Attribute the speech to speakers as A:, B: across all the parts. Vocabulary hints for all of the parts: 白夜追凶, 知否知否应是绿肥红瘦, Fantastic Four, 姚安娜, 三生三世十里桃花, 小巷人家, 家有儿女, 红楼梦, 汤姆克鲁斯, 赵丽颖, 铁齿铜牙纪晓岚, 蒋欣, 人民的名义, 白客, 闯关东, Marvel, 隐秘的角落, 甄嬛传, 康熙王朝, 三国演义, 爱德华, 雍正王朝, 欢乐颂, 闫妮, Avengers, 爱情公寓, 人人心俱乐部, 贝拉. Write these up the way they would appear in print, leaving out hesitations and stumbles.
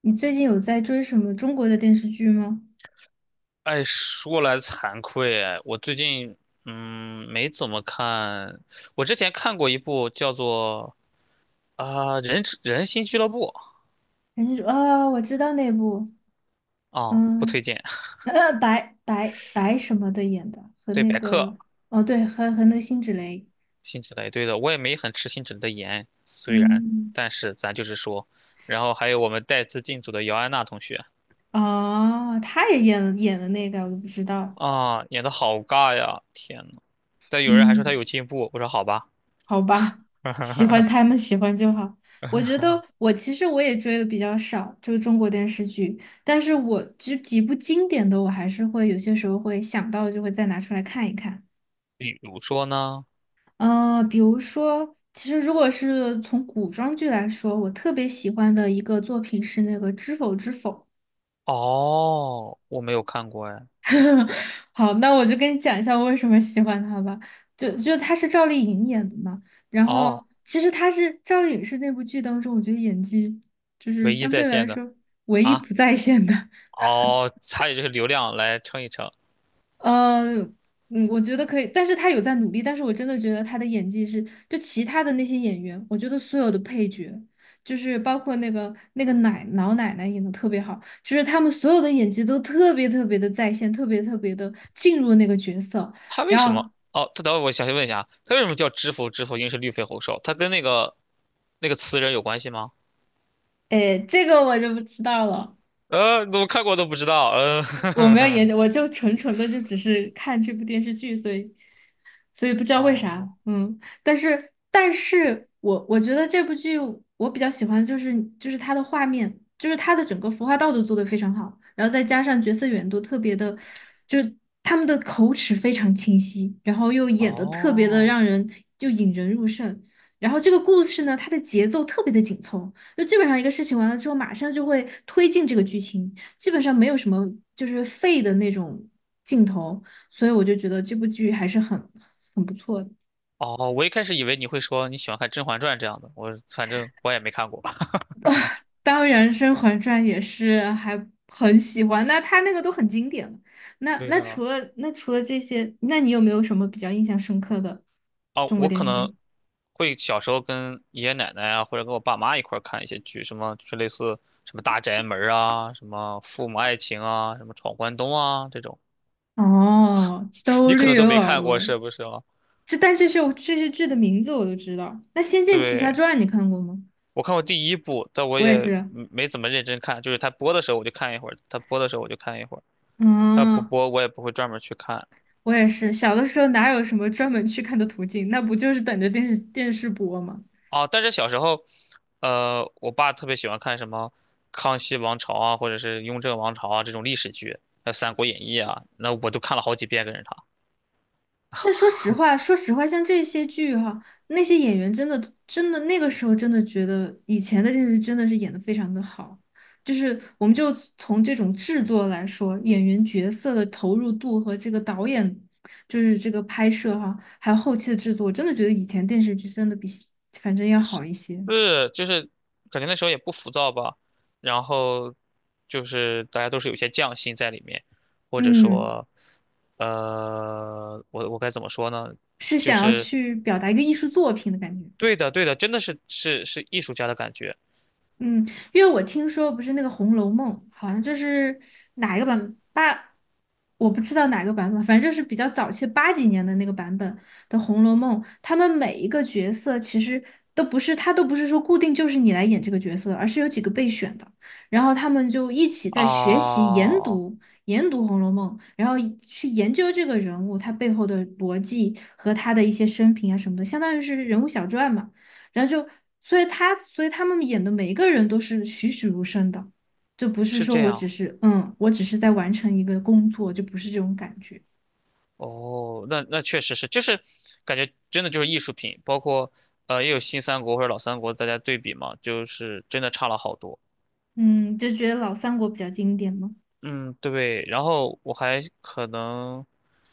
A: 你最近有在追什么中国的电视剧吗？
B: 哎，说来惭愧啊，我最近没怎么看。我之前看过一部叫做人人心俱乐部。
A: 人家说啊，我知道那部，
B: 啊、不推
A: 嗯，
B: 荐。
A: 白什么的演的，和
B: 对
A: 那
B: 白客、
A: 个，哦，对，和那个辛芷蕾，
B: 辛芷蕾，对的，我也没很吃辛芷蕾的颜，虽然，
A: 嗯，
B: 但是咱就是说。然后还有我们带资进组的姚安娜同学
A: 哦，他也演了那个，我都不知道，
B: 啊，演的好尬呀！天呐，但有人还说她
A: 嗯，
B: 有进步，我说好吧。
A: 好吧，喜欢他 们喜欢就好。我觉得其实我也追的比较少，就是中国电视剧，但是我就几部经典的，我还是会有些时候会想到，就会再拿出来看一看。
B: 比如说呢？
A: 比如说，其实如果是从古装剧来说，我特别喜欢的一个作品是那个《知否知否》。
B: 哦，我没有看过哎。
A: 好，那我就跟你讲一下我为什么喜欢他吧。就他是赵丽颖演的嘛，然
B: 哦，
A: 后其实赵丽颖是那部剧当中，我觉得演技就是
B: 唯一
A: 相
B: 在
A: 对来
B: 线的。
A: 说唯一
B: 啊，
A: 不在线的。
B: 哦，它以就是流量来称一称。
A: 呃，我觉得可以，但是他有在努力，但是我真的觉得他的演技是，就其他的那些演员，我觉得所有的配角，就是包括那个老奶奶演的特别好，就是他们所有的演技都特别特别的在线，特别特别的进入那个角色。
B: 他为
A: 然
B: 什
A: 后，
B: 么？哦，他等会我想问一下啊，他为什么叫知否知否，应是绿肥红瘦？他跟那个词人有关系吗？
A: 哎，这个我就不知道了，
B: 怎么看过都不知道。嗯。
A: 我没有研究，我就纯纯的就只是看这部电视剧，所以不知 道为啥，
B: 哦
A: 嗯，但是我觉得这部剧我比较喜欢就是它的画面，就是它的整个服化道都做的非常好，然后再加上角色远度特别的，就是他们的口齿非常清晰，然后又演的特别的
B: 哦
A: 让人就引人入胜。然后这个故事呢，它的节奏特别的紧凑，就基本上一个事情完了之后，马上就会推进这个剧情。基本上没有什么就是废的那种镜头，所以我就觉得这部剧还是很不错的
B: 哦，我一开始以为你会说你喜欢看《甄嬛传》这样的，我反正我也没看过。
A: 当然，《甄嬛传》也是还很喜欢，那它那个都很经典了那
B: 对
A: 那
B: 的。
A: 除了那除了这些，那你有没有什么比较印象深刻的
B: 啊，
A: 中国
B: 我
A: 电
B: 可
A: 视剧？
B: 能会小时候跟爷爷奶奶啊，或者跟我爸妈一块儿看一些剧，什么就是类似什么《大宅门》啊，什么《父母爱情》啊，什么《闯关东》啊这种，
A: 哦，都
B: 你可
A: 略
B: 能都
A: 有
B: 没
A: 耳
B: 看过是
A: 闻。
B: 不是啊？
A: 但这些剧的名字我都知道。那《仙剑奇
B: 对，
A: 侠传》你看过吗？
B: 我看过第一部，但我
A: 我也
B: 也
A: 是。
B: 没怎么认真看，就是他播的时候我就看一会儿，它播的时候我就看一会儿，它不
A: 嗯，
B: 播我也不会专门去看。
A: 我也是，小的时候哪有什么专门去看的途径？那不就是等着电视播吗？
B: 啊，但是小时候，我爸特别喜欢看什么《康熙王朝》啊，或者是《雍正王朝》啊这种历史剧，还有三国演义》啊，那我都看了好几遍跟着他。
A: 但说实话，像这些剧哈、那些演员真的真的那个时候真的觉得以前的电视真的是演的非常的好，就是我们就从这种制作来说，演员角色的投入度和这个导演就是这个拍摄哈、还有后期的制作，真的觉得以前电视剧真的比反正要好一些。
B: 是，就是感觉那时候也不浮躁吧，然后就是大家都是有些匠心在里面，或者
A: 嗯，
B: 说，我该怎么说呢？
A: 是
B: 就
A: 想要
B: 是
A: 去表达一个艺术作品的感觉。
B: 对的，对的，真的是艺术家的感觉
A: 嗯，因为我听说不是那个《红楼梦》，好像就是哪一个版八，我不知道哪个版本，反正就是比较早期八几年的那个版本的《红楼梦》，他们每一个角色其实都不是，他都不是说固定就是你来演这个角色，而是有几个备选的，然后他们就一起在学习研
B: 啊，
A: 读研读《红楼梦》，然后去研究这个人物他背后的逻辑和他的一些生平啊什么的，相当于是人物小传嘛。然后就，所以他们演的每一个人都是栩栩如生的，就不是
B: 是
A: 说
B: 这
A: 我
B: 样。
A: 只是，嗯，我只是在完成一个工作，就不是这种感觉。
B: 哦，那确实是，就是感觉真的就是艺术品，包括也有新三国或者老三国，大家对比嘛，就是真的差了好多。
A: 嗯，就觉得老三国比较经典嘛。
B: 嗯，对。然后我还可能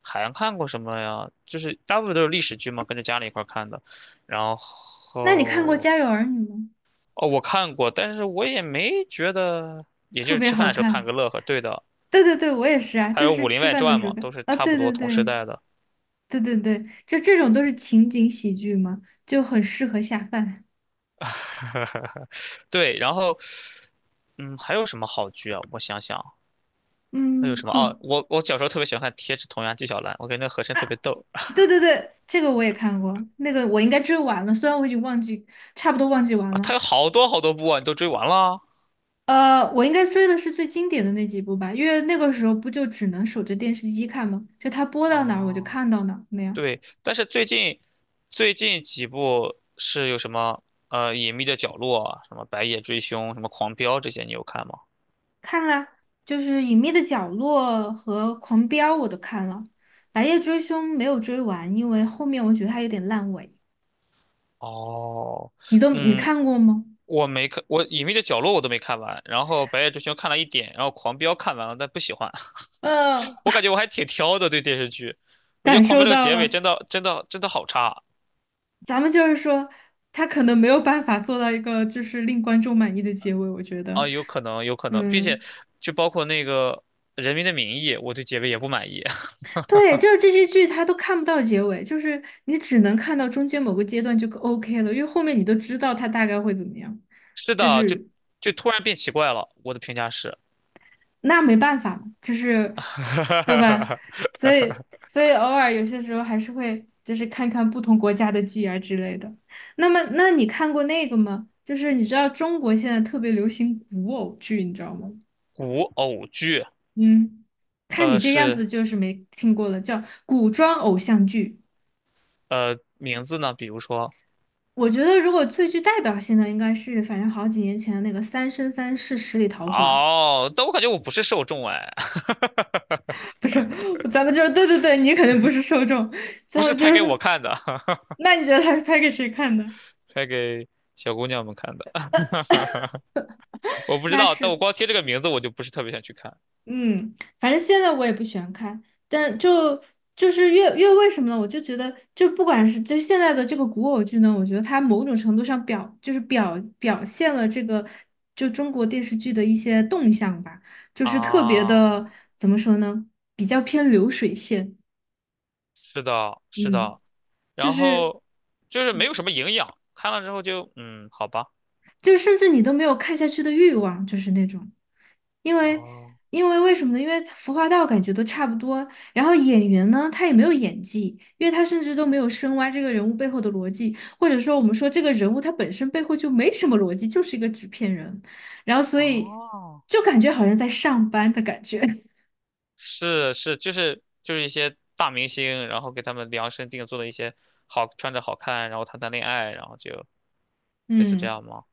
B: 还看过什么呀？就是大部分都是历史剧嘛，跟着家里一块儿看的。然
A: 那你看过
B: 后
A: 《家有儿女》吗？
B: 哦，我看过，但是我也没觉得，也就
A: 特
B: 是
A: 别
B: 吃饭
A: 好
B: 的时候看个
A: 看。
B: 乐呵。对的，
A: 对对对，我也是啊，
B: 还
A: 就
B: 有
A: 是
B: 《武林
A: 吃
B: 外
A: 饭的
B: 传》
A: 时候
B: 嘛，
A: 看
B: 都是
A: 啊。
B: 差不
A: 对
B: 多
A: 对
B: 同时
A: 对
B: 代的。
A: 对对对，就这种都是情景喜剧嘛，就很适合下饭。
B: 对，然后嗯，还有什么好剧啊？我想想。还
A: 嗯，
B: 有什么？啊？我小时候特别喜欢看《铁齿铜牙纪晓岚》，我感觉那个和珅特别逗
A: 对对对，这个我也看过，那个我应该追完了，虽然我已经忘记，差不多忘记完
B: 啊。
A: 了。
B: 他有好多好多部啊，你都追完了？
A: 我应该追的是最经典的那几部吧，因为那个时候不就只能守着电视机看吗？就它播到哪儿我就
B: 啊？
A: 看到哪儿那样。
B: 对，但是最近几部是有什么《隐秘的角落》啊、什么《白夜追凶》、什么《狂飙》这些，你有看吗？
A: 看啦，就是《隐秘的角落》和《狂飙》我都看了，《白夜追凶》没有追完，因为后面我觉得它有点烂尾。
B: 哦，
A: 你
B: 嗯，
A: 看过吗？
B: 我没看，我《隐秘的角落》我都没看完，然后《白夜追凶》看了一点，然后《狂飙》看完了，但不喜欢。
A: 嗯，
B: 我感觉我还挺挑的，对电视剧，我觉得
A: 感
B: 《狂飙》
A: 受
B: 这个
A: 到
B: 结尾
A: 了。
B: 真的真的真的好差。
A: 咱们就是说，他可能没有办法做到一个就是令观众满意的结尾，我觉得。
B: 啊，有可能，有可能，并且
A: 嗯。
B: 就包括那个《人民的名义》，我对结尾也不满意。
A: 对，就是这些剧它都看不到结尾，就是你只能看到中间某个阶段就 OK 了，因为后面你都知道它大概会怎么样，
B: 是
A: 就
B: 的，就
A: 是
B: 就突然变奇怪了。我的评价是，
A: 那没办法嘛，就是对吧？所 以所以偶尔有些时候还是会就是看看不同国家的剧啊之类的。那么，那你看过那个吗？就是你知道中国现在特别流行古偶剧，你知道吗？
B: 古偶剧，
A: 嗯，看你这样
B: 是
A: 子就是没听过了，叫古装偶像剧。
B: 名字呢，比如说，
A: 我觉得如果最具代表性的，应该是反正好几年前的那个《三生三世十里桃花》，
B: 哦，但我感觉我不是受众哎，
A: 不是，咱们就是对对对，你肯定不是受众，咱
B: 不是
A: 们
B: 拍
A: 就
B: 给
A: 是，
B: 我看的，
A: 那你觉得他是拍给谁看的？
B: 拍给小姑娘们看的。我不知
A: 那
B: 道，但我
A: 是
B: 光听这个名字，我就不是特别想去看
A: 嗯，反正现在我也不喜欢看，但就就是越越为什么呢？我就觉得，就不管是就是现在的这个古偶剧呢，我觉得它某种程度上表现了这个就中国电视剧的一些动向吧，就是特别
B: 啊。
A: 的怎么说呢？比较偏流水线，
B: 是的，是
A: 嗯，
B: 的，
A: 就
B: 然
A: 是。
B: 后就是没有什么营养，看了之后就好吧，
A: 就甚至你都没有看下去的欲望，就是那种，因为
B: 哦
A: 因为为什么呢？因为服化道感觉都差不多，然后演员呢，他也没有演技，因为他甚至都没有深挖这个人物背后的逻辑，或者说我们说这个人物他本身背后就没什么逻辑，就是一个纸片人，然后所以
B: 哦，
A: 就感觉好像在上班的感觉，
B: 是是，就是一些大明星，然后给他们量身定做的一些好穿着好看，然后谈谈恋爱，然后就 类似这
A: 嗯，
B: 样吗？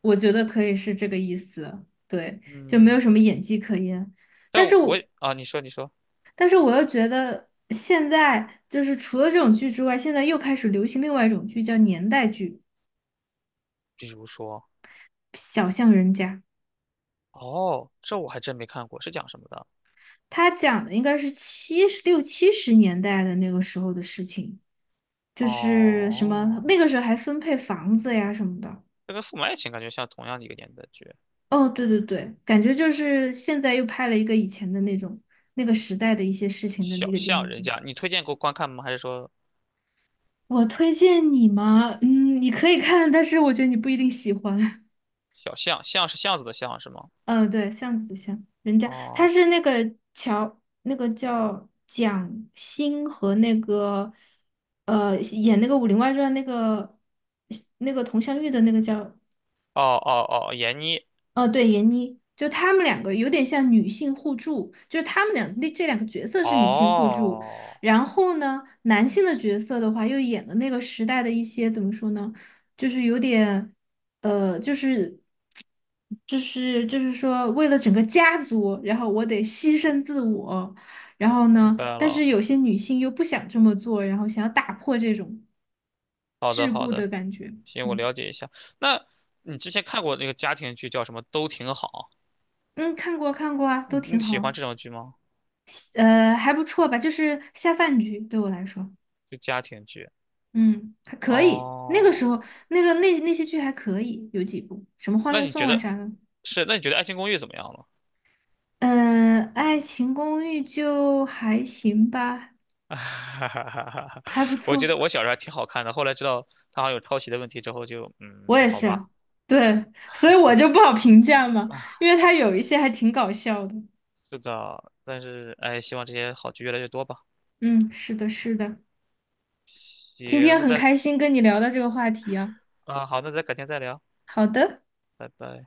A: 我觉得可以是这个意思，对，就没
B: 嗯，
A: 有什么演技可言。但
B: 但
A: 是
B: 我
A: 我
B: 啊，你说你说，
A: 但是我又觉得现在就是除了这种剧之外，现在又开始流行另外一种剧，叫年代剧，
B: 比如说
A: 《小巷人家》。
B: 哦，这我还真没看过，是讲什么的？
A: 它讲的应该是六七十年代的那个时候的事情，就是什么
B: 哦，
A: 那个时候还分配房子呀什么的。
B: 这跟《父母爱情》感觉像同样的一个年代剧，
A: 哦，对对对，感觉就是现在又拍了一个以前的那种那个时代的一些事情的
B: 《小
A: 一个电
B: 巷
A: 视
B: 人
A: 剧。
B: 家》，你推荐给我观看吗？还是说
A: 我推荐你吗？嗯，你可以看，但是我觉得你不一定喜欢。
B: 小巷巷是巷子的巷是吗？
A: 嗯，对，巷子的巷，人家他
B: 哦，
A: 是那个那个叫蒋欣和那个演那个《武林外传》那个佟湘玉的那个叫
B: 哦哦哦，闫妮。
A: 哦，对，闫妮，就她们两个有点像女性互助，就是她们两那这两个角色是女性互助。
B: 哦，
A: 然后呢，男性的角色的话，又演了那个时代的一些怎么说呢，就是有点，呃，就是就是说,为了整个家族，然后我得牺牲自我。然后
B: 明
A: 呢，
B: 白
A: 但
B: 了。
A: 是有些女性又不想这么做，然后想要打破这种
B: 好的，
A: 桎
B: 好
A: 梏的
B: 的，
A: 感觉。
B: 行，我
A: 嗯
B: 了解一下。那你之前看过那个家庭剧叫什么？都挺好。
A: 嗯，看过看过啊，
B: 你
A: 都挺
B: 你
A: 好
B: 喜欢
A: 啊。
B: 这种剧吗？
A: 还不错吧，就是下饭剧对我来说，
B: 就家庭剧。
A: 嗯，还可以。那个时
B: 哦，
A: 候，那些剧还可以，有几部，什么《欢
B: 那
A: 乐
B: 你
A: 颂》
B: 觉
A: 啊
B: 得
A: 啥的。
B: 是？那你觉得《爱情公寓》怎么样了？
A: 爱情公寓》就还行吧，还不
B: 我觉
A: 错。
B: 得我小时候还挺好看的，后来知道它好像有抄袭的问题之后就，
A: 我
B: 嗯，
A: 也
B: 好吧。
A: 是，对，所以我就不好评价嘛，因为它有一些还挺搞笑的。
B: 是的，但是哎，希望这些好剧越来越多吧。
A: 嗯，是的，是的。今
B: 行，
A: 天很开心跟你聊到这个话题啊。
B: 啊，好，那再改天再聊。
A: 好的。
B: 拜拜。